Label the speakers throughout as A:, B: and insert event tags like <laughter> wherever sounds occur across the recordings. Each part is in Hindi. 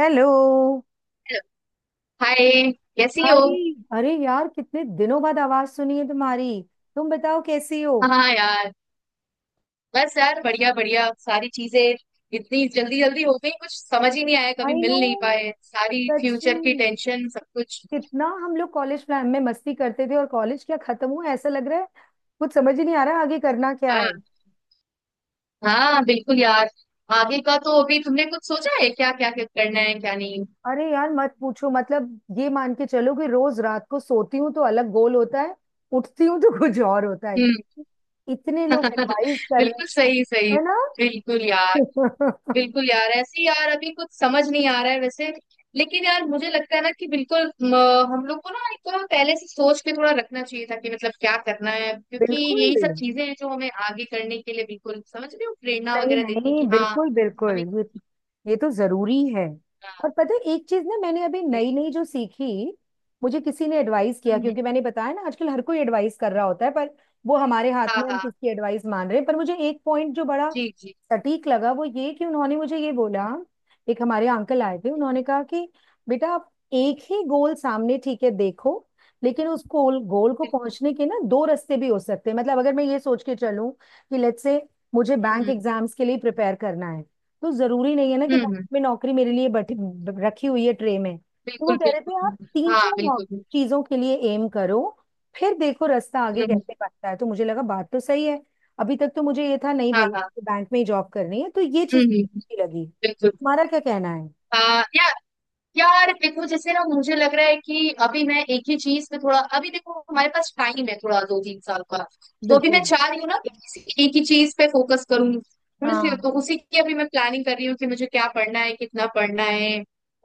A: हेलो।
B: हाय, कैसी हो?
A: हाय। अरे यार, कितने दिनों बाद आवाज सुनी है तुम्हारी। तुम बताओ, कैसी हो?
B: हाँ यार, बस यार बढ़िया बढ़िया। सारी चीजें इतनी जल्दी जल्दी हो गई, कुछ समझ ही नहीं आया, कभी
A: आई
B: मिल
A: नो।
B: नहीं पाए, सारी
A: सच
B: फ्यूचर
A: में।
B: की टेंशन, सब कुछ।
A: कितना हम लोग कॉलेज प्लान में मस्ती करते थे, और कॉलेज क्या खत्म हुआ, ऐसा लग रहा है कुछ समझ ही नहीं आ रहा आगे करना क्या है।
B: हाँ हाँ, बिल्कुल यार। आगे का तो अभी तुमने कुछ सोचा है क्या? क्या क्या करना है, क्या नहीं?
A: अरे यार मत पूछो। मतलब ये मान के चलो कि रोज रात को सोती हूँ तो अलग गोल होता है। उठती हूँ तो <laughs> कुछ और होता है कि
B: हम्म।
A: इतने लोग
B: <laughs>
A: एडवाइस कर
B: बिल्कुल
A: रहे हैं।
B: सही सही।
A: है
B: बिल्कुल यार।
A: ना। <laughs>
B: बिल्कुल यार, ऐसे ही यार, अभी कुछ समझ नहीं आ रहा है वैसे। लेकिन यार मुझे लगता है ना कि बिल्कुल हम लोग को ना एक थोड़ा पहले से सोच के थोड़ा रखना चाहिए था कि मतलब क्या करना है, क्योंकि यही सब
A: बिल्कुल।
B: चीजें हैं जो हमें आगे करने के लिए, बिल्कुल समझ रहे हो, प्रेरणा
A: नहीं
B: वगैरह देती है
A: नहीं,
B: कि हाँ
A: बिल्कुल बिल्कुल,
B: हमें।
A: ये तो जरूरी है।
B: हाँ,
A: और पता है, एक चीज ना मैंने अभी नई नई जो सीखी, मुझे किसी ने एडवाइस किया।
B: हम्म।
A: क्योंकि मैंने बताया ना, आजकल हर कोई एडवाइस कर रहा होता है, पर वो हमारे हाथ
B: हाँ
A: में हम
B: हाँ,
A: किसकी एडवाइस मान रहे हैं। पर मुझे एक पॉइंट जो बड़ा
B: जी जी,
A: सटीक लगा, वो ये कि उन्होंने मुझे ये बोला। एक हमारे अंकल आए थे, उन्होंने कहा कि बेटा, आप एक ही गोल सामने, ठीक है देखो, लेकिन उस गोल गोल को
B: बिल्कुल।
A: पहुंचने के ना दो रास्ते भी हो सकते हैं। मतलब अगर मैं ये सोच के चलूं कि लेट्स से मुझे बैंक
B: हम्म
A: एग्जाम्स के लिए प्रिपेयर करना है, तो जरूरी नहीं है ना कि
B: हम्म,
A: बैंक
B: हम्म।
A: में नौकरी मेरे लिए बैठी रखी हुई है ट्रे में। तो वो
B: बिल्कुल
A: कह रहे
B: बिल्कुल,
A: थे आप
B: हम्म।
A: तीन
B: हाँ,
A: चार
B: बिल्कुल।
A: चीजों के लिए एम करो, फिर देखो रास्ता आगे
B: हम्म हम्म,
A: कैसे बढ़ता है। तो मुझे लगा बात तो सही है। अभी तक तो मुझे ये था नहीं
B: हाँ
A: भाई,
B: हाँ।
A: मुझे बैंक में ही जॉब करनी है, तो ये
B: हम्म
A: चीज
B: हम्म,
A: अच्छी लगी।
B: बिल्कुल।
A: तुम्हारा क्या कहना है?
B: हाँ यार। यार देखो, जैसे ना मुझे लग रहा है कि अभी मैं एक ही चीज पे थोड़ा, अभी देखो हमारे पास टाइम है, थोड़ा दो तीन साल का। तो अभी मैं
A: बिल्कुल।
B: चाह रही हूँ ना कि किसी एक ही चीज पे फोकस करूँ, समझ रही हो?
A: हाँ।
B: तो उसी की अभी मैं प्लानिंग कर रही हूँ कि मुझे क्या पढ़ना है, कितना पढ़ना है।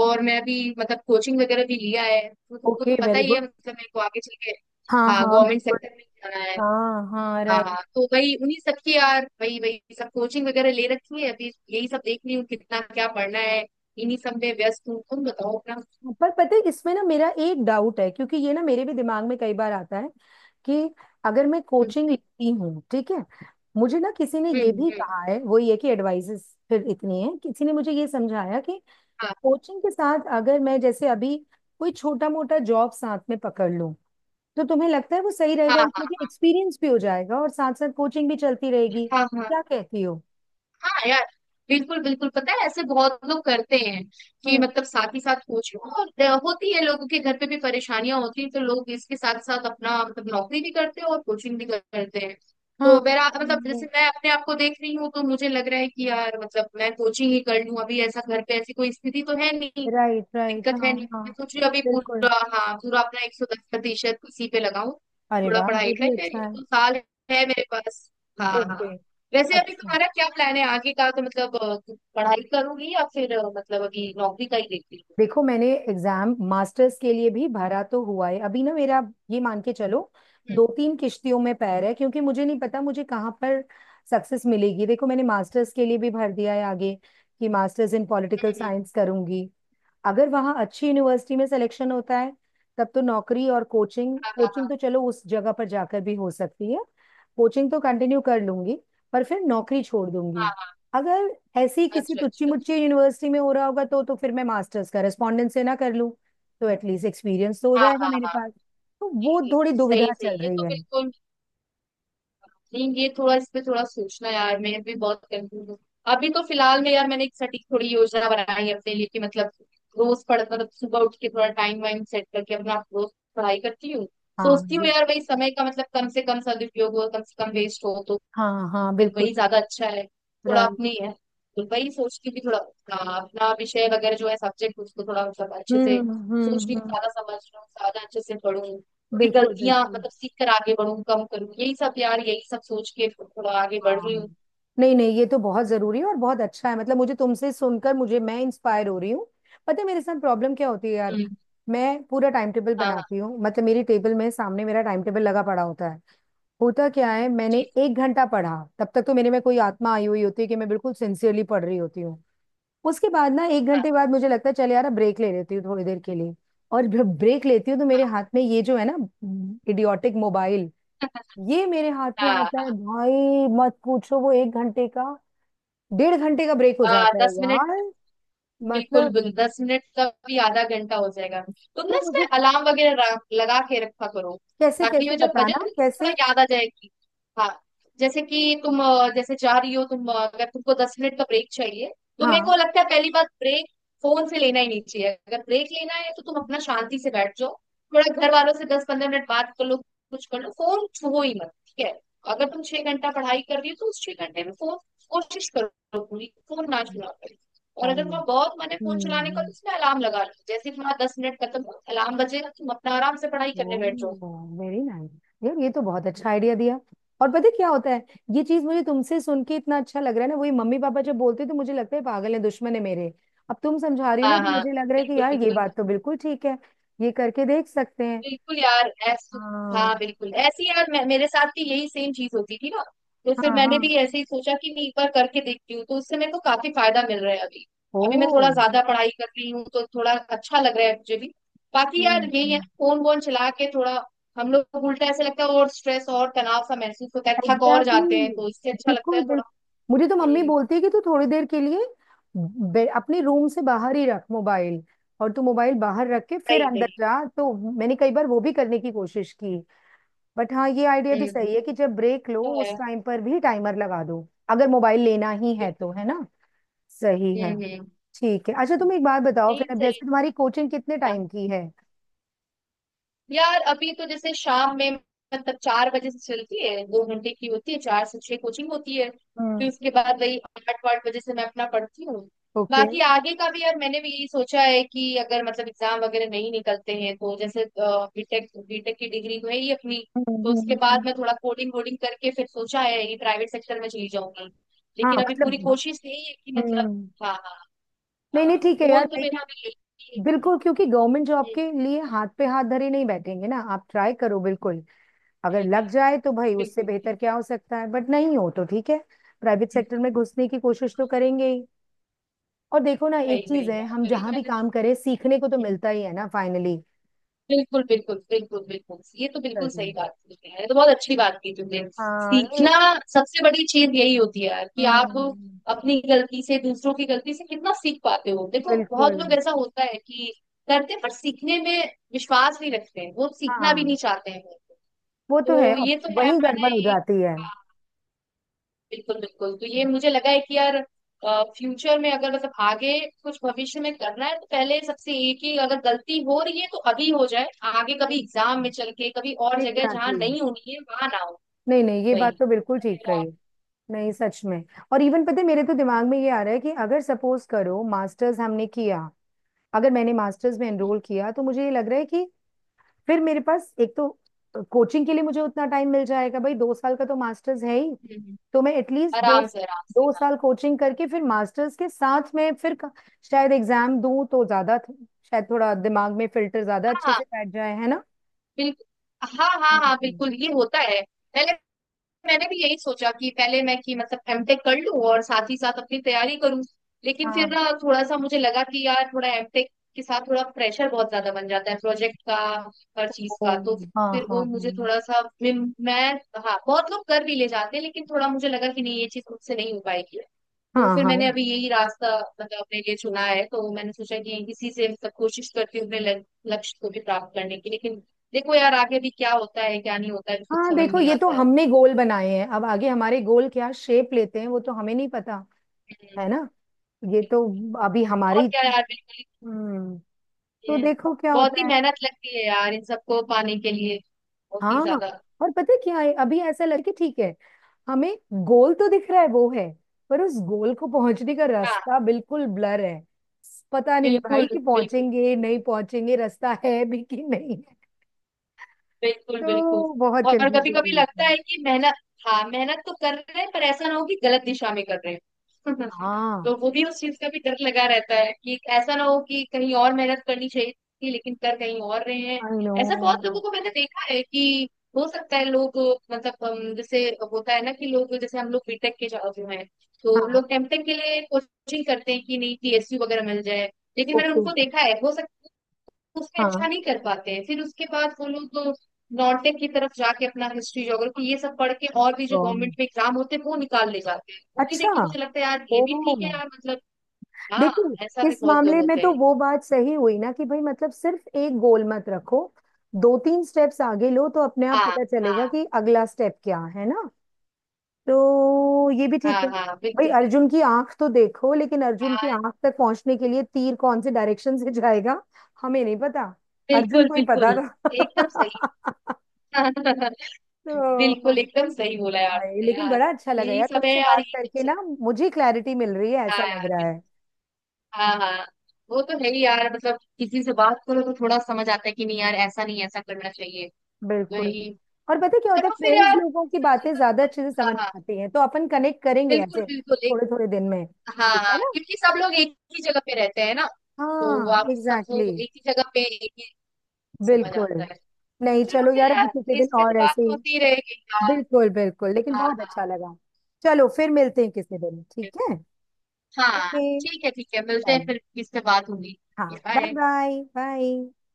B: और मैं अभी मतलब कोचिंग वगैरह भी लिया है, तो तुमको
A: ओके,
B: तो पता
A: वेरी
B: ही है,
A: गुड।
B: मतलब मेरे को आगे चल के
A: हाँ
B: हाँ,
A: हाँ,
B: गवर्नमेंट
A: बिल्कुल।
B: सेक्टर में जाना है।
A: हाँ हाँ,
B: हाँ
A: राइट।
B: हाँ, तो वही उन्हीं सब की यार, वही वही सब कोचिंग वगैरह ले रखी है। अभी यही सब देख रही हूँ, कितना क्या पढ़ना है। इन्हीं सब में व्यस्त हूँ, तुम बताओ अपना।
A: पर पता है इसमें ना मेरा एक डाउट है, क्योंकि ये ना मेरे भी दिमाग में कई बार आता है कि अगर मैं
B: हम्म
A: कोचिंग लेती हूँ, ठीक है, मुझे ना किसी ने
B: हम्म,
A: ये भी
B: हम्म,
A: कहा है। वो ये कि एडवाइसेस फिर इतनी है, किसी ने मुझे ये समझाया कि
B: हाँ
A: कोचिंग के साथ अगर मैं जैसे अभी कोई छोटा मोटा जॉब साथ में पकड़ लूं, तो तुम्हें लगता है वो सही
B: हाँ
A: रहेगा इसमें कि
B: हाँ
A: एक्सपीरियंस भी हो जाएगा और साथ साथ कोचिंग भी चलती रहेगी?
B: हाँ। हाँ
A: क्या कहती हो?
B: हाँ यार, बिल्कुल बिल्कुल, पता है ऐसे बहुत लोग करते हैं कि
A: हम्म।
B: मतलब साथ ही साथ कोचिंग और होती है, लोगों के घर पे भी परेशानियां होती हैं, तो लोग इसके साथ साथ अपना मतलब नौकरी भी करते हैं और कोचिंग भी करते हैं। तो
A: हाँ।
B: मेरा मतलब जैसे मैं अपने आप को देख रही हूँ, तो मुझे लग रहा है कि यार मतलब मैं कोचिंग ही कर लूँ अभी, ऐसा घर पे ऐसी कोई स्थिति तो है नहीं,
A: राइट राइट,
B: दिक्कत
A: हाँ right, right,
B: है नहीं।
A: हाँ हाँ,
B: मैं सोच रही हूँ अभी
A: बिल्कुल।
B: पूरा, हाँ पूरा अपना 110% इसी पे लगाऊं,
A: अरे
B: थोड़ा
A: वाह, ये
B: पढ़ाई पे,
A: भी अच्छा
B: ये
A: है।
B: तो साल है मेरे पास। हाँ हाँ।
A: ओके।
B: वैसे अभी
A: अच्छा।
B: तुम्हारा क्या प्लान है आगे का? तो मतलब पढ़ाई करूंगी या फिर मतलब अभी नौकरी का ही देख रही हूँ।
A: देखो, मैंने एग्जाम मास्टर्स के लिए भी भरा तो हुआ है अभी ना मेरा। ये मान के चलो
B: हम्म,
A: दो तीन किश्तियों में पैर है, क्योंकि मुझे नहीं पता मुझे कहाँ पर सक्सेस मिलेगी। देखो मैंने मास्टर्स के लिए भी भर दिया है आगे कि masters in political
B: hmm, hmm,
A: science करूंगी। अगर वहाँ अच्छी यूनिवर्सिटी में सिलेक्शन होता है, तब तो नौकरी और कोचिंग,
B: हाँ हाँ
A: कोचिंग
B: हाँ
A: तो चलो उस जगह पर जाकर भी हो सकती है। कोचिंग तो कंटिन्यू कर लूंगी, पर फिर नौकरी छोड़ दूंगी।
B: हाँ हाँ।
A: अगर ऐसी किसी
B: अच्छा
A: टुच्ची
B: अच्छा अच्छा।
A: मुच्ची यूनिवर्सिटी में हो रहा होगा, तो फिर मैं मास्टर्स का रेस्पॉन्डेंस से ना कर लूं, तो एटलीस्ट एक्सपीरियंस तो हो
B: हाँ
A: जाएगा
B: हाँ
A: मेरे
B: हाँ।
A: पास। तो
B: ये-
A: वो
B: ये
A: थोड़ी
B: सही
A: दुविधा
B: सही
A: चल
B: है
A: रही
B: तो,
A: है।
B: बिल्कुल। नहीं ये थोड़ा, इस पे थोड़ा सोचना, यार मैं भी बहुत कंफ्यूज हूँ अभी। तो फिलहाल में यार मैंने एक सटीक थोड़ी योजना बनाई है अपने लिए कि मतलब रोज पढ़ मतलब सुबह उठ के थोड़ा टाइम वाइम सेट करके अपना रोज पढ़ाई करती हूँ।
A: हाँ
B: सोचती हूँ
A: ये।
B: यार भाई, समय का मतलब कम से कम सदुपयोग हो, कम से कम वेस्ट हो, तो
A: हाँ हाँ,
B: फिर
A: बिल्कुल।
B: वही ज्यादा अच्छा है। थोड़ा
A: राइट।
B: अपनी है, तो वही सोचती हूँ कि थोड़ा अपना अपना विषय वगैरह जो है, सब्जेक्ट उसको थोड़ा मतलब अच्छे से सोच रही हूँ,
A: हम्म।
B: ज्यादा समझ रही हूँ, ज्यादा अच्छे से पढ़ूँ, थोड़ी
A: बिल्कुल
B: गलतियां
A: बिल्कुल।
B: मतलब सीख कर आगे बढ़ूँ, कम करूँ, यही सब यार, यही सब सोच के थोड़ा आगे बढ़
A: हाँ।
B: रही हूँ।
A: नहीं नहीं, ये तो बहुत जरूरी है और बहुत अच्छा है। मतलब मुझे तुमसे सुनकर मुझे मैं इंस्पायर हो रही हूँ। पता है मेरे साथ प्रॉब्लम क्या होती है यार।
B: हम्म,
A: मैं पूरा टाइम टेबल
B: हाँ हाँ,
A: बनाती हूँ, मतलब मेरी टेबल में सामने मेरा टाइम टेबल लगा पड़ा होता है। होता क्या है, मैंने
B: ठीक
A: एक घंटा पढ़ा, तब तक तो मेरे में कोई आत्मा आई हुई होती है कि मैं बिल्कुल सिंसियरली पढ़ रही होती हूँ। उसके बाद ना, एक
B: है,
A: घंटे बाद मुझे लगता है चल यार ब्रेक ले लेती हूँ थोड़ी देर के लिए। और जब ब्रेक लेती हूँ तो मेरे हाथ में ये जो है ना, इडियोटिक मोबाइल, ये मेरे हाथ में
B: हाँ हाँ
A: आता है।
B: हाँ।
A: भाई मत पूछो, वो एक घंटे का डेढ़ घंटे का ब्रेक हो
B: हाँ
A: जाता है
B: 10 मिनट,
A: यार।
B: बिल्कुल
A: मतलब
B: बिल्कुल, 10 मिनट का भी आधा घंटा हो जाएगा। तुम ना
A: तो
B: इसमें
A: मुझे
B: अलार्म वगैरह लगा के रखा करो,
A: कैसे
B: ताकि
A: कैसे
B: वो जो बजट
A: बताना
B: है, थोड़ा
A: कैसे।
B: याद आ जाएगी। हाँ, जैसे कि तुम जैसे जा रही हो तुम, अगर तुमको 10 मिनट का ब्रेक चाहिए, तो मेरे
A: हाँ।
B: को लगता है पहली बात ब्रेक फोन से लेना ही नहीं चाहिए। अगर ब्रेक लेना है तो तुम अपना शांति से बैठ जाओ, थोड़ा घर वालों से 10-15 मिनट बात कर लो, कुछ कर लो, फोन छुओ ही मत, ठीक है? अगर तुम 6 घंटा पढ़ाई कर रही हो, तो उस 6 घंटे में फोन, कोशिश करो पूरी, फोन ना छुआ करो। और
A: आई
B: अगर
A: नो।
B: वहाँ बहुत मन है फोन चलाने का,
A: हम्म।
B: तो उसमें अलार्म लगा लो, जैसे ही तुम्हारा 10 मिनट खत्म हो, अलार्म बजेगा, तुम अपना आराम से पढ़ाई करने
A: ओह,
B: बैठ जाओ।
A: Very nice. यार ये तो बहुत अच्छा आइडिया दिया। और पता है क्या होता है, ये चीज मुझे तुमसे सुन के इतना अच्छा लग रहा है ना, वही मम्मी पापा जब बोलते हैं तो मुझे लगता है पागल है, दुश्मन है मेरे। अब तुम समझा रही हो ना
B: हाँ
A: तो
B: हाँ,
A: मुझे लग रहा है कि
B: बिल्कुल
A: यार ये
B: बिल्कुल
A: बात तो बिल्कुल ठीक है। ये करके देख सकते हैं।
B: बिल्कुल यार ऐस हाँ
A: हाँ
B: बिल्कुल, ऐसी यार, मेरे साथ भी यही सेम चीज होती थी ना, तो फिर
A: हाँ
B: मैंने
A: हाँ।
B: भी ऐसे ही सोचा कि मैं एक बार करके देखती हूँ, तो उससे मेरे को काफी फायदा मिल रहा है अभी।
A: ओ।
B: अभी मैं थोड़ा ज्यादा पढ़ाई कर रही हूँ, तो थोड़ा अच्छा लग रहा है मुझे भी। बाकी यार यही है,
A: हम्म।
B: फोन वोन चला के थोड़ा हम लोग को उल्टा ऐसा लगता है, और स्ट्रेस और तनाव सा महसूस होता है, थक और
A: एग्जैक्टली
B: जाते हैं,
A: exactly।
B: तो इससे अच्छा लगता
A: बिल्कुल
B: है।
A: बिल्कुल। मुझे तो मम्मी
B: हम्म,
A: बोलती है कि तू थोड़ी देर के लिए अपने रूम से बाहर ही रख मोबाइल, और तू मोबाइल बाहर रख के फिर
B: सही
A: अंदर
B: सही,
A: जा। तो मैंने कई बार वो भी करने की कोशिश की। बट हाँ, ये आइडिया भी
B: हम्म,
A: सही है कि जब ब्रेक लो
B: तो है,
A: उस टाइम पर भी टाइमर लगा दो, अगर मोबाइल लेना ही है,
B: बिल्कुल।
A: तो है ना? सही है।
B: हम्म।
A: ठीक है। अच्छा तुम एक बात बताओ फिर,
B: नहीं
A: अब
B: सही
A: जैसे तुम्हारी कोचिंग कितने टाइम की है?
B: यार, अभी तो जैसे शाम में मतलब 4 बजे से चलती है, 2 घंटे की होती है, 4 से 6 कोचिंग होती है। फिर
A: हम्म।
B: उसके बाद वही आठ वाठ बजे से मैं अपना पढ़ती हूँ।
A: ओके।
B: बाकी आगे का भी यार मैंने भी यही सोचा है कि अगर मतलब एग्जाम वगैरह नहीं निकलते हैं, तो जैसे बीटेक बीटेक की डिग्री तो है ही अपनी,
A: हम्म
B: तो
A: हम्म,
B: उसके
A: हम्म,
B: बाद
A: हम्म।
B: मैं थोड़ा कोडिंग वोडिंग करके फिर सोचा है कि प्राइवेट सेक्टर में चली जाऊंगी।
A: हाँ
B: लेकिन अभी
A: मतलब।
B: पूरी कोशिश यही है कि मतलब
A: हम्म।
B: हाँ हाँ
A: नहीं नहीं,
B: हाँ,
A: ठीक है यार।
B: गोल तो मेरा अभी यही है
A: बिल्कुल, क्योंकि गवर्नमेंट जॉब
B: हम्म,
A: के लिए हाथ पे हाथ धरे नहीं बैठेंगे ना, आप ट्राई करो बिल्कुल। अगर
B: नहीं
A: लग
B: नहीं
A: जाए तो भाई उससे
B: बिल्कुल।
A: बेहतर क्या हो सकता है, बट नहीं हो तो ठीक है। प्राइवेट सेक्टर में घुसने की कोशिश तो करेंगे ही। और देखो ना,
B: वही
A: एक चीज
B: वही
A: है,
B: यार,
A: हम
B: वही
A: जहां भी
B: मैंने तो
A: काम करें सीखने को तो
B: हम्म,
A: मिलता ही है ना फाइनली।
B: बिल्कुल बिल्कुल बिल्कुल बिल्कुल। ये तो बिल्कुल
A: सही।
B: सही बात की तुमने, ये तो बहुत अच्छी बात की तुमने।
A: हाँ नहीं।
B: सीखना सबसे बड़ी चीज यही होती है यार, कि आप
A: हम्म।
B: अपनी गलती से, दूसरों की गलती से कितना सीख पाते हो। देखो बहुत
A: बिल्कुल।
B: लोग, ऐसा होता है कि करते हैं, पर सीखने में विश्वास नहीं रखते हैं, वो सीखना भी नहीं
A: हाँ।
B: चाहते हैं,
A: वो तो है।
B: तो
A: और
B: ये तो है।
A: वही
B: मैंने
A: गड़बड़ हो
B: एक,
A: जाती है।
B: बिल्कुल बिल्कुल, तो ये मुझे लगा है कि यार फ्यूचर में अगर मतलब आगे कुछ भविष्य में करना है, तो पहले सबसे, एक ही अगर गलती हो रही है तो अभी हो जाए, आगे कभी एग्जाम में चल के, कभी और जगह जहाँ
A: एग्जैक्टली exactly।
B: नहीं होनी है वहां ना हो।
A: नहीं नहीं, ये
B: वही
A: बात तो बिल्कुल ठीक कही।
B: मेरा-
A: नहीं सच में। और इवन पता है, मेरे तो दिमाग में ये आ रहा है कि अगर सपोज करो मास्टर्स हमने किया, अगर मैंने मास्टर्स में
B: हम्म,
A: एनरोल किया, तो मुझे ये लग रहा है कि फिर मेरे पास एक तो कोचिंग के लिए मुझे उतना टाइम मिल जाएगा। भाई दो साल का तो मास्टर्स है ही।
B: हम्म,
A: तो मैं एटलीस्ट दो
B: आराम से आराम से,
A: दो
B: हाँ
A: साल कोचिंग करके फिर मास्टर्स के साथ में फिर शायद एग्जाम दूं तो ज्यादा शायद थोड़ा दिमाग में फिल्टर ज्यादा
B: हाँ
A: अच्छे
B: हाँ,
A: से बैठ जाए, है ना।
B: बिल्कुल। हाँ हाँ हाँ
A: हम्म।
B: बिल्कुल ये होता है। पहले मैंने भी यही सोचा कि पहले मैं कि मतलब एमटेक कर लूं और साथ ही साथ अपनी तैयारी करूं। लेकिन फिर
A: हाँ
B: ना थोड़ा सा मुझे लगा कि यार थोड़ा एमटेक के साथ थोड़ा प्रेशर बहुत ज्यादा बन जाता है, प्रोजेक्ट का, हर चीज
A: ओ,
B: का। तो
A: हाँ
B: फिर
A: हाँ
B: वो मुझे थोड़ा सा हाँ बहुत लोग कर भी ले जाते हैं, लेकिन थोड़ा मुझे लगा कि नहीं ये चीज मुझसे नहीं हो पाएगी।
A: हाँ,
B: तो फिर
A: हाँ
B: मैंने
A: हाँ
B: अभी यही रास्ता मतलब अपने लिए चुना है, तो मैंने सोचा कि इसी से सब कोशिश करती हूँ अपने लक्ष्य को भी प्राप्त करने की, लेकिन देखो यार आगे भी क्या होता है, क्या नहीं होता है, कुछ
A: हाँ।
B: समझ
A: देखो,
B: नहीं
A: ये तो
B: आता
A: हमने गोल बनाए हैं, अब आगे हमारे गोल क्या शेप लेते हैं वो तो हमें नहीं पता,
B: है।
A: है ना। ये तो
B: बिल्कुल।
A: अभी
B: और
A: हमारी।
B: क्या यार, बिल्कुल ही
A: हम्म। तो
B: नहीं है।
A: देखो क्या
B: बहुत
A: होता
B: ही
A: है।
B: मेहनत लगती है यार, इन सबको पाने के लिए, बहुत ही
A: हाँ।
B: ज्यादा।
A: और पता है क्या है, अभी ऐसा लगे कि ठीक है, हमें गोल तो दिख रहा है वो है, पर उस गोल को पहुंचने का
B: हाँ
A: रास्ता बिल्कुल ब्लर है। पता नहीं है
B: बिल्कुल
A: भाई कि
B: बिल्कुल
A: पहुंचेंगे
B: बिल्कुल
A: नहीं पहुंचेंगे, रास्ता है भी कि नहीं है।
B: बिल्कुल बिल्कुल।
A: तो बहुत
B: और कभी
A: कंफ्यूजन हो
B: कभी
A: रही
B: लगता
A: थी।
B: है कि मेहनत, हाँ मेहनत तो कर रहे हैं, पर ऐसा ना हो कि गलत दिशा में कर रहे हैं। <laughs>
A: हाँ।
B: तो वो भी, उस चीज का भी डर लगा रहता है कि ऐसा ना हो कि कहीं और मेहनत करनी चाहिए थी लेकिन कर कहीं और रहे हैं।
A: I know.
B: ऐसा बहुत लोगों को मैंने देखा है कि हो सकता है लोग मतलब जैसे होता है ना कि लोग, जैसे हम लोग बीटेक के जो जो हैं, तो
A: हाँ।
B: लोग एमटेक के लिए कोचिंग करते हैं कि नहीं पीएसयू वगैरह मिल जाए। लेकिन मैंने
A: ओके।
B: उनको देखा है, हो सकता उसमें अच्छा
A: हाँ
B: नहीं कर पाते हैं, फिर उसके बाद वो लोग नॉर्टेक की तरफ जाके अपना हिस्ट्री ज्योग्राफी ये सब पढ़ के, और भी जो गवर्नमेंट
A: wrong।
B: में एग्जाम होते हैं वो निकाल ले जाते हैं। वो भी देख
A: अच्छा।
B: के मुझे लगता है यार,
A: ओ।
B: ये भी ठीक है यार मतलब, हाँ ऐसा
A: देखिए
B: भी
A: इस
B: बहुत लोग
A: मामले में
B: होते
A: तो
B: हैं।
A: वो बात सही हुई ना कि भाई, मतलब सिर्फ एक गोल मत रखो, दो तीन स्टेप्स आगे लो तो अपने आप
B: हाँ
A: पता चलेगा
B: हाँ
A: कि अगला स्टेप क्या है, ना। तो ये भी ठीक
B: हाँ
A: है।
B: हाँ,
A: भाई
B: बिल्कुल बिल्कुल।
A: अर्जुन की आंख तो देखो, लेकिन अर्जुन की
B: हाँ,
A: आंख तक पहुंचने के लिए तीर कौन से डायरेक्शन से जाएगा हमें नहीं पता। अर्जुन
B: बिल्कुल
A: को ही पता
B: बिल्कुल एकदम सही।
A: था <laughs>
B: <laughs>
A: तो
B: बिल्कुल एकदम सही बोला यार
A: भाई,
B: तुमने
A: लेकिन
B: यार।
A: बड़ा अच्छा लगा
B: यही
A: यार
B: सब है
A: तुमसे
B: यार,
A: बात
B: ये सब
A: करके ना,
B: चल
A: मुझे क्लैरिटी मिल रही है
B: हाँ
A: ऐसा लग
B: यार,
A: रहा है।
B: बिल्कुल। हाँ हाँ, वो तो है ही यार मतलब, किसी से बात करो तो थोड़ा समझ आता है कि नहीं यार, ऐसा नहीं ऐसा करना चाहिए,
A: बिल्कुल।
B: वही।
A: और पता है क्या होता है,
B: चलो फिर
A: फ्रेंड्स
B: यार,
A: लोगों की
B: सब
A: बातें ज्यादा अच्छे से
B: हाँ
A: समझ में
B: हाँ
A: आती हैं, तो अपन कनेक्ट करेंगे
B: बिल्कुल
A: ऐसे
B: बिल्कुल एक,
A: थोड़े थोड़े दिन में,
B: हाँ
A: ठीक है
B: हाँ,
A: ना।
B: क्योंकि सब लोग एक ही जगह पे रहते हैं ना, तो
A: हाँ
B: आप सब
A: एग्जैक्टली
B: लोग
A: exactly,
B: एक ही जगह पे एक ही, समझ
A: बिल्कुल।
B: आता है।
A: नहीं
B: चलो
A: चलो
B: फिर
A: यार, अभी
B: यार,
A: किसी दिन
B: इस पे तो
A: और
B: बात
A: ऐसे ही।
B: होती रहेगी यार।
A: बिल्कुल बिल्कुल, लेकिन
B: हाँ
A: बहुत अच्छा
B: हाँ
A: लगा। चलो फिर मिलते हैं किसी दिन, ठीक है।
B: हाँ।
A: ओके।
B: ठीक है ठीक है, मिलते हैं
A: चलो।
B: फिर, किससे बात होगी।
A: हाँ। Bye
B: bye.
A: Bye bye.